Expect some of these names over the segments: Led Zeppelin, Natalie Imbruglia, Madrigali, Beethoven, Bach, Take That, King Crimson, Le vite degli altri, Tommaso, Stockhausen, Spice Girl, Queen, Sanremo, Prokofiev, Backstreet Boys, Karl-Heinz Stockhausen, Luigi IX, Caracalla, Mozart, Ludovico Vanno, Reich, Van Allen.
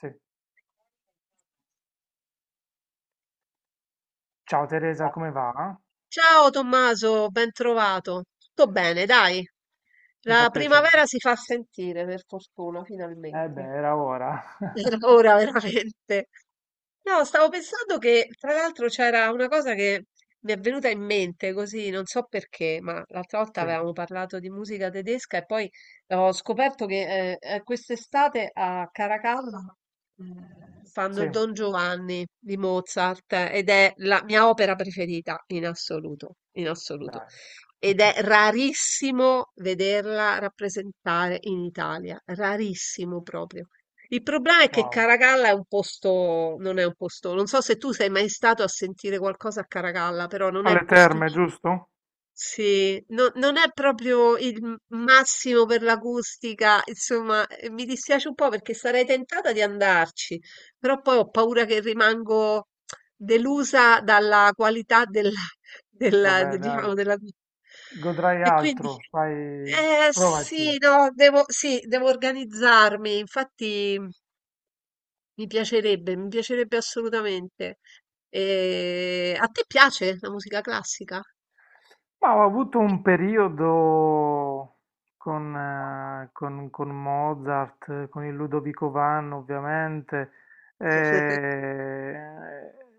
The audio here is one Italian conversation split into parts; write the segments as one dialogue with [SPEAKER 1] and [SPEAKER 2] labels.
[SPEAKER 1] Sì. Ciao Teresa, come va?
[SPEAKER 2] Ciao Tommaso, ben trovato. Tutto bene, dai.
[SPEAKER 1] Mi fa
[SPEAKER 2] La
[SPEAKER 1] piacere.
[SPEAKER 2] primavera si fa sentire, per fortuna,
[SPEAKER 1] Eh beh,
[SPEAKER 2] finalmente.
[SPEAKER 1] era ora.
[SPEAKER 2] Era ora veramente. No, stavo pensando che tra l'altro c'era una cosa che mi è venuta in mente così, non so perché, ma l'altra volta
[SPEAKER 1] Sì,
[SPEAKER 2] avevamo parlato di musica tedesca e poi ho scoperto che quest'estate a Caracalla fanno
[SPEAKER 1] sì,
[SPEAKER 2] il Don Giovanni di Mozart, ed è la mia opera preferita in assoluto, in assoluto.
[SPEAKER 1] dai.
[SPEAKER 2] Ed è rarissimo vederla rappresentare in Italia, rarissimo proprio. Il problema è che
[SPEAKER 1] Wow.
[SPEAKER 2] Caracalla è un posto, non è un posto, non so se tu sei mai stato a sentire qualcosa a Caracalla, però non è il
[SPEAKER 1] Alle
[SPEAKER 2] posto
[SPEAKER 1] terme,
[SPEAKER 2] lì.
[SPEAKER 1] giusto?
[SPEAKER 2] Sì, non è proprio il massimo per l'acustica, insomma, mi dispiace un po' perché sarei tentata di andarci, però poi ho paura che rimango delusa dalla qualità della,
[SPEAKER 1] Vabbè, dai.
[SPEAKER 2] diciamo, della vita.
[SPEAKER 1] Godrai
[SPEAKER 2] E quindi,
[SPEAKER 1] altro, fai,
[SPEAKER 2] eh sì,
[SPEAKER 1] provaci.
[SPEAKER 2] no, devo, sì, devo organizzarmi, infatti. Mi piacerebbe assolutamente. E a te piace la musica classica?
[SPEAKER 1] Ma ho avuto un periodo con Mozart, con il Ludovico Vanno ovviamente, eh,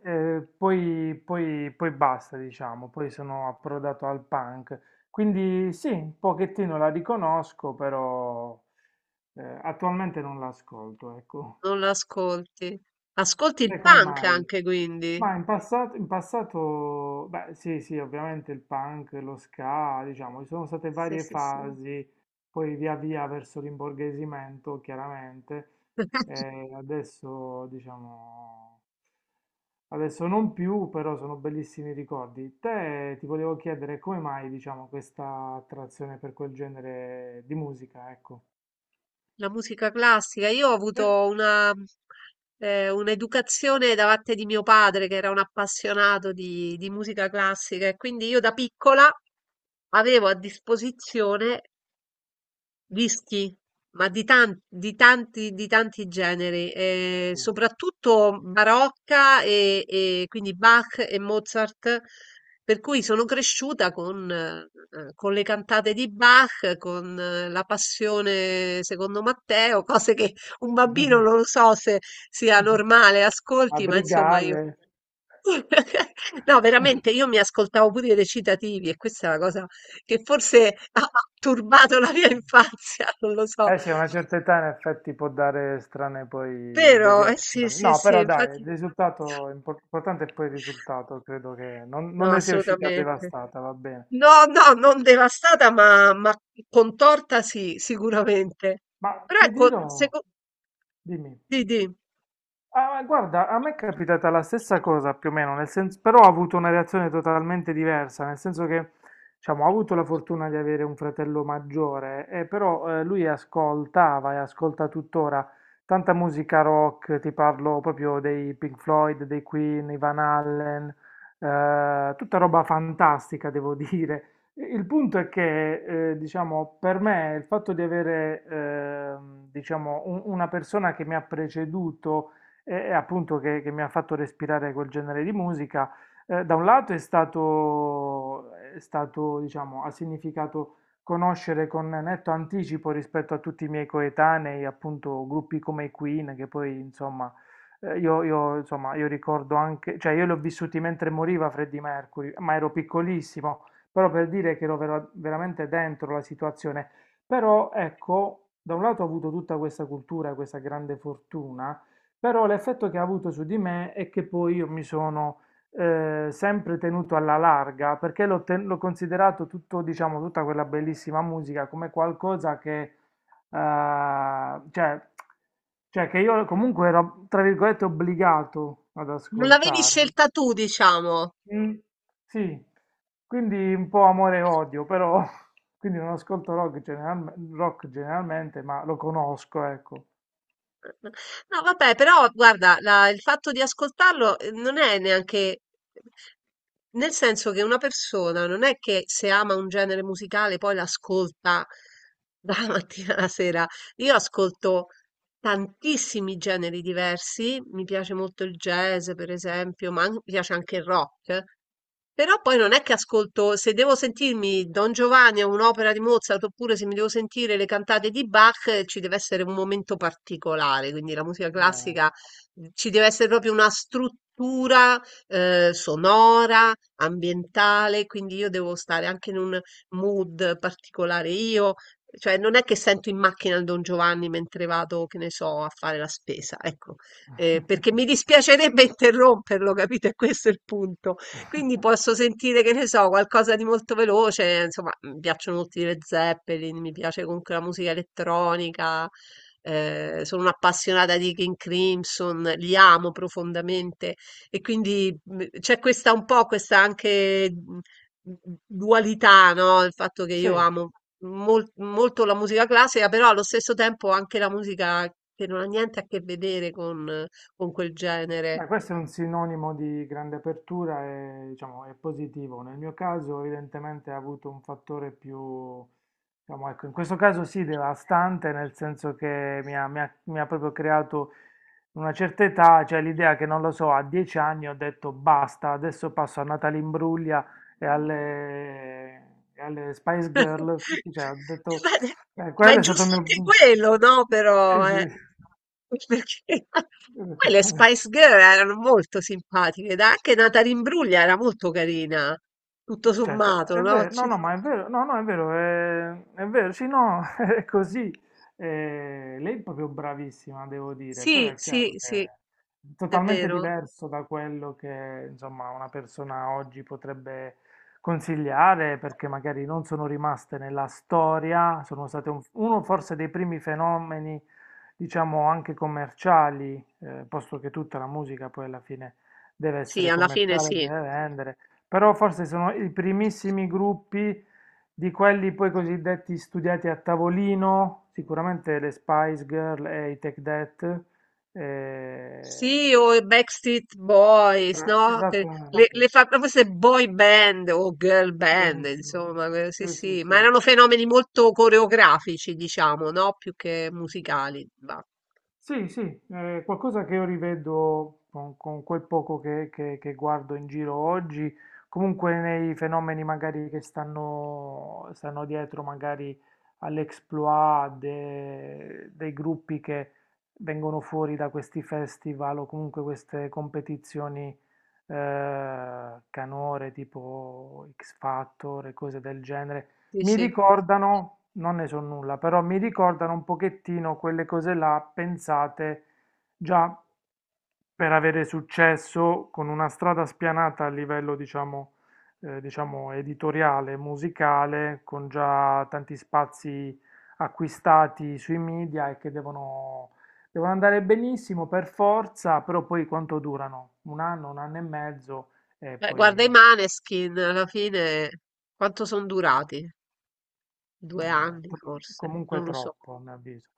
[SPEAKER 1] poi basta, diciamo, poi sono approdato al punk. Quindi sì, un pochettino la riconosco, però attualmente non l'ascolto, ecco.
[SPEAKER 2] Non l'ascolti. Ascolti il
[SPEAKER 1] E come
[SPEAKER 2] punk
[SPEAKER 1] mai?
[SPEAKER 2] anche, quindi.
[SPEAKER 1] Ma in passato, beh, sì, sì, ovviamente il punk, lo ska, diciamo, ci sono state
[SPEAKER 2] Sì,
[SPEAKER 1] varie
[SPEAKER 2] sì, sì.
[SPEAKER 1] fasi, poi via via verso l'imborghesimento, chiaramente, e adesso, diciamo, adesso non più, però sono bellissimi ricordi. Te ti volevo chiedere come mai, diciamo, questa attrazione per quel genere di musica, ecco.
[SPEAKER 2] La musica classica. Io ho
[SPEAKER 1] Eh,
[SPEAKER 2] avuto un'educazione da parte di mio padre, che era un appassionato di musica classica, e quindi io da piccola avevo a disposizione Whisky, ma di tanti, di tanti, di tanti generi, soprattutto barocca e quindi Bach e Mozart, per cui sono cresciuta con le cantate di Bach, con la passione secondo Matteo, cose che un bambino non lo so se sia normale, ascolti, ma insomma io.
[SPEAKER 1] Madrigale.
[SPEAKER 2] No, veramente, io mi ascoltavo pure i recitativi e questa è la cosa che forse ha turbato la mia infanzia, non lo so.
[SPEAKER 1] Eh sì, a una certa età in effetti può dare strane poi
[SPEAKER 2] Vero, eh sì,
[SPEAKER 1] deviazioni.
[SPEAKER 2] sì,
[SPEAKER 1] No,
[SPEAKER 2] sì,
[SPEAKER 1] però dai, il
[SPEAKER 2] infatti
[SPEAKER 1] risultato importante è poi il risultato, credo che non
[SPEAKER 2] no,
[SPEAKER 1] ne sia uscita
[SPEAKER 2] assolutamente.
[SPEAKER 1] devastata, va bene.
[SPEAKER 2] No, no, non devastata, ma contorta sì, sicuramente.
[SPEAKER 1] Ma
[SPEAKER 2] Però
[SPEAKER 1] ti
[SPEAKER 2] ecco,
[SPEAKER 1] dirò,
[SPEAKER 2] secondo.
[SPEAKER 1] dimmi.
[SPEAKER 2] Di, di.
[SPEAKER 1] Ah, guarda, a me è capitata la stessa cosa più o meno, nel senso, però ho avuto una reazione totalmente diversa, nel senso che, diciamo, ho avuto la fortuna di avere un fratello maggiore, però lui ascoltava e ascolta tuttora tanta musica rock, ti parlo proprio dei Pink Floyd, dei Queen, i Van Allen, tutta roba fantastica, devo dire. Il punto è che, diciamo, per me il fatto di avere, diciamo, una persona che mi ha preceduto, e appunto che mi ha fatto respirare quel genere di musica. Da un lato è stato, diciamo, ha significato conoscere con netto anticipo rispetto a tutti i miei coetanei, appunto, gruppi come i Queen, che poi, insomma, io, insomma, io ricordo anche, cioè io li ho vissuti mentre moriva Freddie Mercury, ma ero piccolissimo, però per dire che ero veramente dentro la situazione. Però, ecco, da un lato ho avuto tutta questa cultura, questa grande fortuna, però l'effetto che ha avuto su di me è che poi io mi sono sempre tenuto alla larga perché l'ho considerato tutto, diciamo, tutta quella bellissima musica come qualcosa che, eh, cioè, cioè che io comunque ero, tra virgolette, obbligato ad
[SPEAKER 2] Non l'avevi
[SPEAKER 1] ascoltare.
[SPEAKER 2] scelta tu, diciamo.
[SPEAKER 1] Mm, sì, quindi un po' amore e odio, però quindi non ascolto rock, generalmente, ma lo conosco, ecco.
[SPEAKER 2] No, vabbè, però guarda, il fatto di ascoltarlo, non è neanche. Nel senso che una persona non è che se ama un genere musicale poi l'ascolta dalla mattina alla sera. Io ascolto tantissimi generi diversi, mi piace molto il jazz per esempio, ma mi piace anche il rock, però poi non è che ascolto, se devo sentirmi Don Giovanni o un'opera di Mozart, oppure se mi devo sentire le cantate di Bach, ci deve essere un momento particolare, quindi la musica
[SPEAKER 1] Bene.
[SPEAKER 2] classica ci deve essere proprio una struttura sonora, ambientale, quindi io devo stare anche in un mood particolare io cioè, non è che sento in macchina il Don Giovanni mentre vado, che ne so, a fare la spesa, ecco. Perché mi dispiacerebbe interromperlo, capito? E questo è il punto. Quindi posso sentire, che ne so, qualcosa di molto veloce, insomma, mi piacciono molto i Led Zeppelin, mi piace comunque la musica elettronica, sono un'appassionata di King Crimson, li amo profondamente e quindi c'è questa un po', questa anche dualità, no? Il fatto che io
[SPEAKER 1] Sì.
[SPEAKER 2] amo molto la musica classica, però allo stesso tempo anche la musica che non ha niente a che vedere con quel genere.
[SPEAKER 1] Beh, questo è un sinonimo di grande apertura e diciamo, è positivo. Nel mio caso, evidentemente, ha avuto un fattore più, diciamo, ecco, in questo caso sì, devastante, nel senso che mi ha proprio creato una certa età, cioè l'idea che, non lo so, a 10 anni ho detto basta, adesso passo a Natalimbruglia e alle, e alle Spice Girl. Cioè, ho detto,
[SPEAKER 2] Ma ma è
[SPEAKER 1] quello è stato il
[SPEAKER 2] giusto anche
[SPEAKER 1] mio.
[SPEAKER 2] quello, no?
[SPEAKER 1] Sì,
[SPEAKER 2] Però,
[SPEAKER 1] sì.
[SPEAKER 2] perché
[SPEAKER 1] Ho detto.
[SPEAKER 2] poi le Spice Girl erano molto simpatiche, dai, anche Natalie Imbruglia era molto carina, tutto
[SPEAKER 1] Certo,
[SPEAKER 2] sommato,
[SPEAKER 1] è
[SPEAKER 2] no?
[SPEAKER 1] vero, no, no, ma è vero, no, no, è vero, è vero, sì, no, è così. Lei è proprio bravissima, devo dire, però
[SPEAKER 2] Sì,
[SPEAKER 1] è
[SPEAKER 2] sì,
[SPEAKER 1] chiaro che
[SPEAKER 2] sì,
[SPEAKER 1] è
[SPEAKER 2] è
[SPEAKER 1] totalmente
[SPEAKER 2] vero.
[SPEAKER 1] diverso da quello che, insomma, una persona oggi potrebbe consigliare, perché magari non sono rimaste nella storia, sono state uno forse dei primi fenomeni, diciamo, anche commerciali, posto che tutta la musica poi alla fine deve
[SPEAKER 2] Sì,
[SPEAKER 1] essere
[SPEAKER 2] alla fine
[SPEAKER 1] commerciale,
[SPEAKER 2] sì.
[SPEAKER 1] deve vendere. Però forse sono i primissimi gruppi di quelli poi cosiddetti studiati a tavolino, sicuramente le Spice Girl e i Take That. eh,
[SPEAKER 2] Sì, o i Backstreet Boys, no? Che le,
[SPEAKER 1] esattamente,
[SPEAKER 2] le fa proprio queste boy band o girl band,
[SPEAKER 1] benissimo.
[SPEAKER 2] insomma, sì,
[SPEAKER 1] Sì, sì,
[SPEAKER 2] sì,
[SPEAKER 1] sì.
[SPEAKER 2] ma erano fenomeni molto coreografici, diciamo, no? Più che musicali. Va.
[SPEAKER 1] Sì, sì, è qualcosa che io rivedo con quel poco che guardo in giro oggi, comunque nei fenomeni magari che stanno dietro magari all'exploit dei gruppi che vengono fuori da questi festival o comunque queste competizioni canore tipo X Factor e cose del genere.
[SPEAKER 2] Sì,
[SPEAKER 1] Mi
[SPEAKER 2] sì.
[SPEAKER 1] ricordano, non ne so nulla, però mi ricordano un pochettino quelle cose là pensate già per avere successo con una strada spianata a livello, diciamo, diciamo editoriale, musicale, con già tanti spazi acquistati sui media e che devono, devono andare benissimo per forza, però poi quanto durano? Un anno e mezzo e
[SPEAKER 2] Beh, guarda i
[SPEAKER 1] poi.
[SPEAKER 2] Maneskin, alla fine, quanto sono durati? Due anni, forse,
[SPEAKER 1] Comunque
[SPEAKER 2] non lo so.
[SPEAKER 1] troppo, a mio avviso.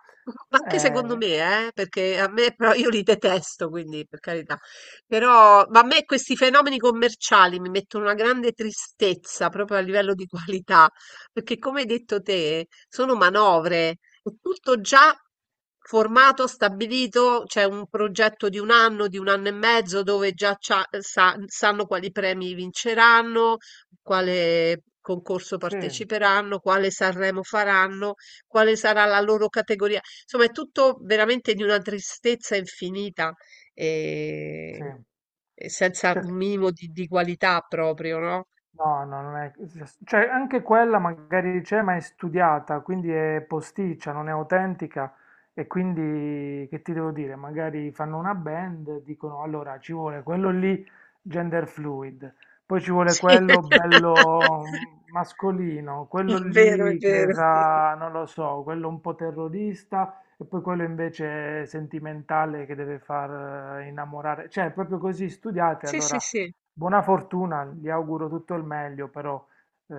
[SPEAKER 2] Ma anche secondo
[SPEAKER 1] Eh,
[SPEAKER 2] me, perché a me però io li detesto, quindi per carità. Però ma a me questi fenomeni commerciali mi mettono una grande tristezza proprio a livello di qualità, perché come hai detto te, sono manovre, è tutto già formato, stabilito, c'è un progetto di un anno e mezzo dove già sanno quali premi vinceranno, quale concorso
[SPEAKER 1] sì,
[SPEAKER 2] parteciperanno, quale Sanremo faranno, quale sarà la loro categoria. Insomma, è tutto veramente di una tristezza infinita e,
[SPEAKER 1] sì.
[SPEAKER 2] e senza
[SPEAKER 1] Cioè,
[SPEAKER 2] un minimo di qualità proprio, no?
[SPEAKER 1] no, no, non è. Cioè, anche quella magari c'è, ma è studiata, quindi è posticcia, non è autentica. E quindi, che ti devo dire? Magari fanno una band, dicono, allora, ci vuole quello lì gender fluid, poi ci vuole
[SPEAKER 2] Sì,
[SPEAKER 1] quello bello mascolino,
[SPEAKER 2] è
[SPEAKER 1] quello
[SPEAKER 2] vero, è
[SPEAKER 1] lì che
[SPEAKER 2] vero.
[SPEAKER 1] fa, non lo so, quello un po' terrorista, e poi quello invece sentimentale che deve far innamorare. Cioè, è proprio così studiate,
[SPEAKER 2] Sì, sì,
[SPEAKER 1] allora.
[SPEAKER 2] sì.
[SPEAKER 1] Buona fortuna, gli auguro tutto il meglio, però eh,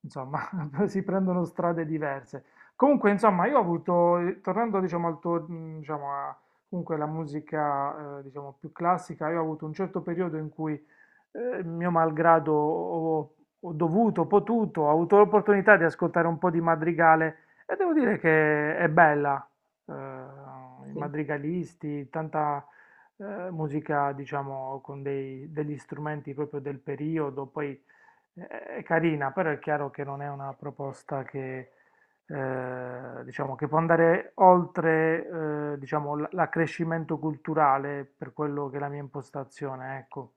[SPEAKER 1] insomma, si prendono strade diverse. Comunque, insomma, io ho avuto, tornando diciamo, al tuo, diciamo, comunque alla musica diciamo, più classica, io ho avuto un certo periodo in cui mio malgrado ho dovuto, potuto, ho avuto l'opportunità di ascoltare un po' di madrigale e devo dire che è bella, i
[SPEAKER 2] Sì.
[SPEAKER 1] madrigalisti, tanta musica, diciamo, con degli strumenti proprio del periodo, poi eh, è carina, però è chiaro che non è una proposta che. Diciamo che può andare oltre, diciamo, l'accrescimento culturale per quello che è la mia impostazione, ecco.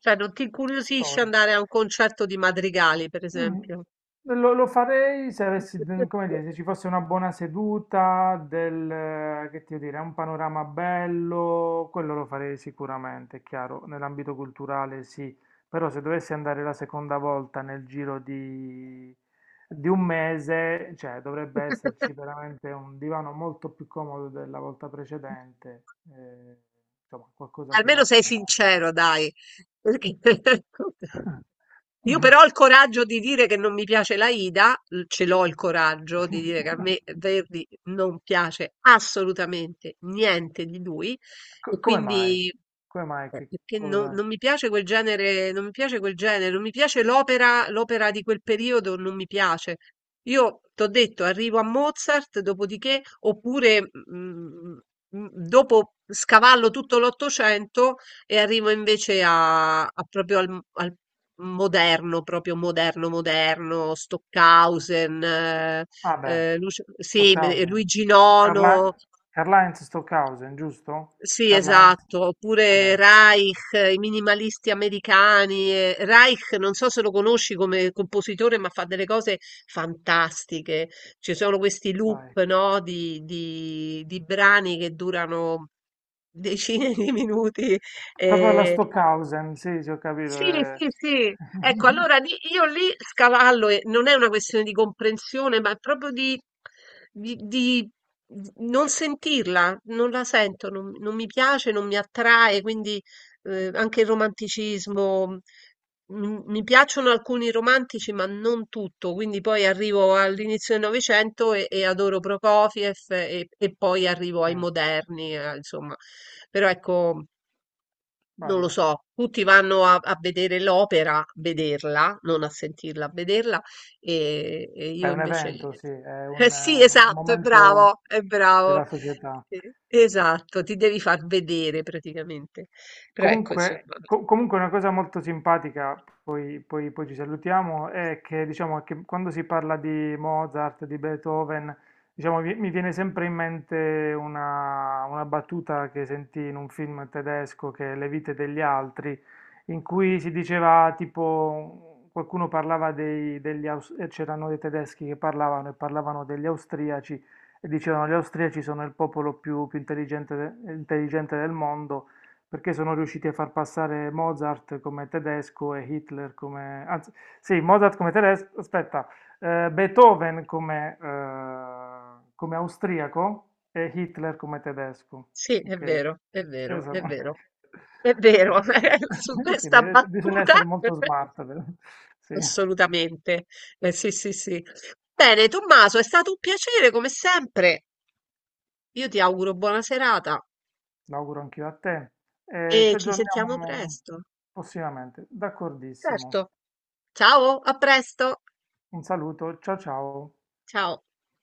[SPEAKER 2] Cioè, non ti incuriosisce
[SPEAKER 1] Storia.
[SPEAKER 2] andare a un concerto di Madrigali, per
[SPEAKER 1] Mm.
[SPEAKER 2] esempio?
[SPEAKER 1] Lo farei se avessi, come dire, se ci fosse una buona seduta, del, che ti devo dire, un panorama bello, quello lo farei sicuramente, è chiaro, nell'ambito culturale sì, però se dovessi andare la seconda volta nel giro di, un mese, cioè dovrebbe esserci veramente un divano molto più comodo della volta precedente, eh, insomma, qualcosa che va
[SPEAKER 2] Almeno
[SPEAKER 1] a
[SPEAKER 2] sei
[SPEAKER 1] scambiare.
[SPEAKER 2] sincero, dai. Perché. Io però ho il coraggio di dire che non mi piace la Ida, ce l'ho il coraggio di dire che a me Verdi non piace assolutamente niente di lui
[SPEAKER 1] Co-
[SPEAKER 2] e
[SPEAKER 1] come mai?
[SPEAKER 2] quindi
[SPEAKER 1] Come mai? Che
[SPEAKER 2] perché non,
[SPEAKER 1] cosa?
[SPEAKER 2] non mi piace quel genere, non mi piace quel genere, non mi piace l'opera, l'opera di quel periodo, non mi piace. Io t'ho detto, arrivo a Mozart, dopodiché, oppure mm, mm, dopo scavallo tutto l'Ottocento e arrivo invece a proprio al moderno, proprio moderno, moderno, Stockhausen,
[SPEAKER 1] Ah beh,
[SPEAKER 2] sì,
[SPEAKER 1] Stockhausen.
[SPEAKER 2] Luigi IX.
[SPEAKER 1] Carla- Karl-Heinz Stockhausen, giusto?
[SPEAKER 2] Sì,
[SPEAKER 1] Karl-Heinz?
[SPEAKER 2] esatto, oppure
[SPEAKER 1] Vabbè,
[SPEAKER 2] Reich, i minimalisti americani. Reich, non so se lo conosci come compositore, ma fa delle cose fantastiche. Ci sono questi
[SPEAKER 1] vai.
[SPEAKER 2] loop, no, di brani che durano decine di minuti.
[SPEAKER 1] Proprio la
[SPEAKER 2] eh,
[SPEAKER 1] Stockhausen, sì, sì, ho capito.
[SPEAKER 2] sì, sì, sì. Ecco, allora io lì scavallo e non è una questione di comprensione, ma è proprio di, di- di non sentirla, non la sento, non mi piace, non mi attrae, quindi anche il romanticismo, mi piacciono alcuni romantici, ma non tutto, quindi poi arrivo all'inizio del Novecento e adoro Prokofiev e poi arrivo
[SPEAKER 1] Sì,
[SPEAKER 2] ai moderni, insomma, però ecco. Non lo
[SPEAKER 1] bello.
[SPEAKER 2] so, tutti vanno a vedere l'opera, a vederla, non a sentirla, a vederla, e
[SPEAKER 1] Beh,
[SPEAKER 2] io
[SPEAKER 1] è un
[SPEAKER 2] invece.
[SPEAKER 1] evento, sì, è
[SPEAKER 2] Eh sì,
[SPEAKER 1] un
[SPEAKER 2] esatto, è
[SPEAKER 1] momento
[SPEAKER 2] bravo, è bravo.
[SPEAKER 1] della società.
[SPEAKER 2] Esatto, ti devi far vedere praticamente. Però ecco,
[SPEAKER 1] Comunque,
[SPEAKER 2] insomma,
[SPEAKER 1] comunque una cosa molto simpatica, poi, poi ci salutiamo, è che, diciamo, che quando si parla di Mozart, di Beethoven, diciamo, mi viene sempre in mente una battuta che sentì in un film tedesco che è Le vite degli altri, in cui si diceva tipo, qualcuno parlava c'erano dei tedeschi che parlavano e parlavano degli austriaci e dicevano gli austriaci sono il popolo più intelligente intelligente del mondo perché sono riusciti a far passare Mozart come tedesco e Hitler anzi, sì, Mozart come tedesco, aspetta, Beethoven come, come austriaco e Hitler come tedesco,
[SPEAKER 2] sì, è
[SPEAKER 1] ok?
[SPEAKER 2] vero, è
[SPEAKER 1] Eh,
[SPEAKER 2] vero, è
[SPEAKER 1] sono-
[SPEAKER 2] vero, è
[SPEAKER 1] eh,
[SPEAKER 2] vero, su
[SPEAKER 1] Quindi
[SPEAKER 2] questa
[SPEAKER 1] bisogna
[SPEAKER 2] battuta,
[SPEAKER 1] essere molto smart, sì,
[SPEAKER 2] assolutamente. Sì, sì, sì. Bene, Tommaso, è stato un piacere come sempre. Io ti auguro buona serata.
[SPEAKER 1] l'auguro anch'io a te. Ci
[SPEAKER 2] E ci sentiamo
[SPEAKER 1] aggiorniamo
[SPEAKER 2] presto.
[SPEAKER 1] prossimamente,
[SPEAKER 2] Certo.
[SPEAKER 1] d'accordissimo.
[SPEAKER 2] Ciao, a presto.
[SPEAKER 1] Un saluto, ciao ciao.
[SPEAKER 2] Ciao.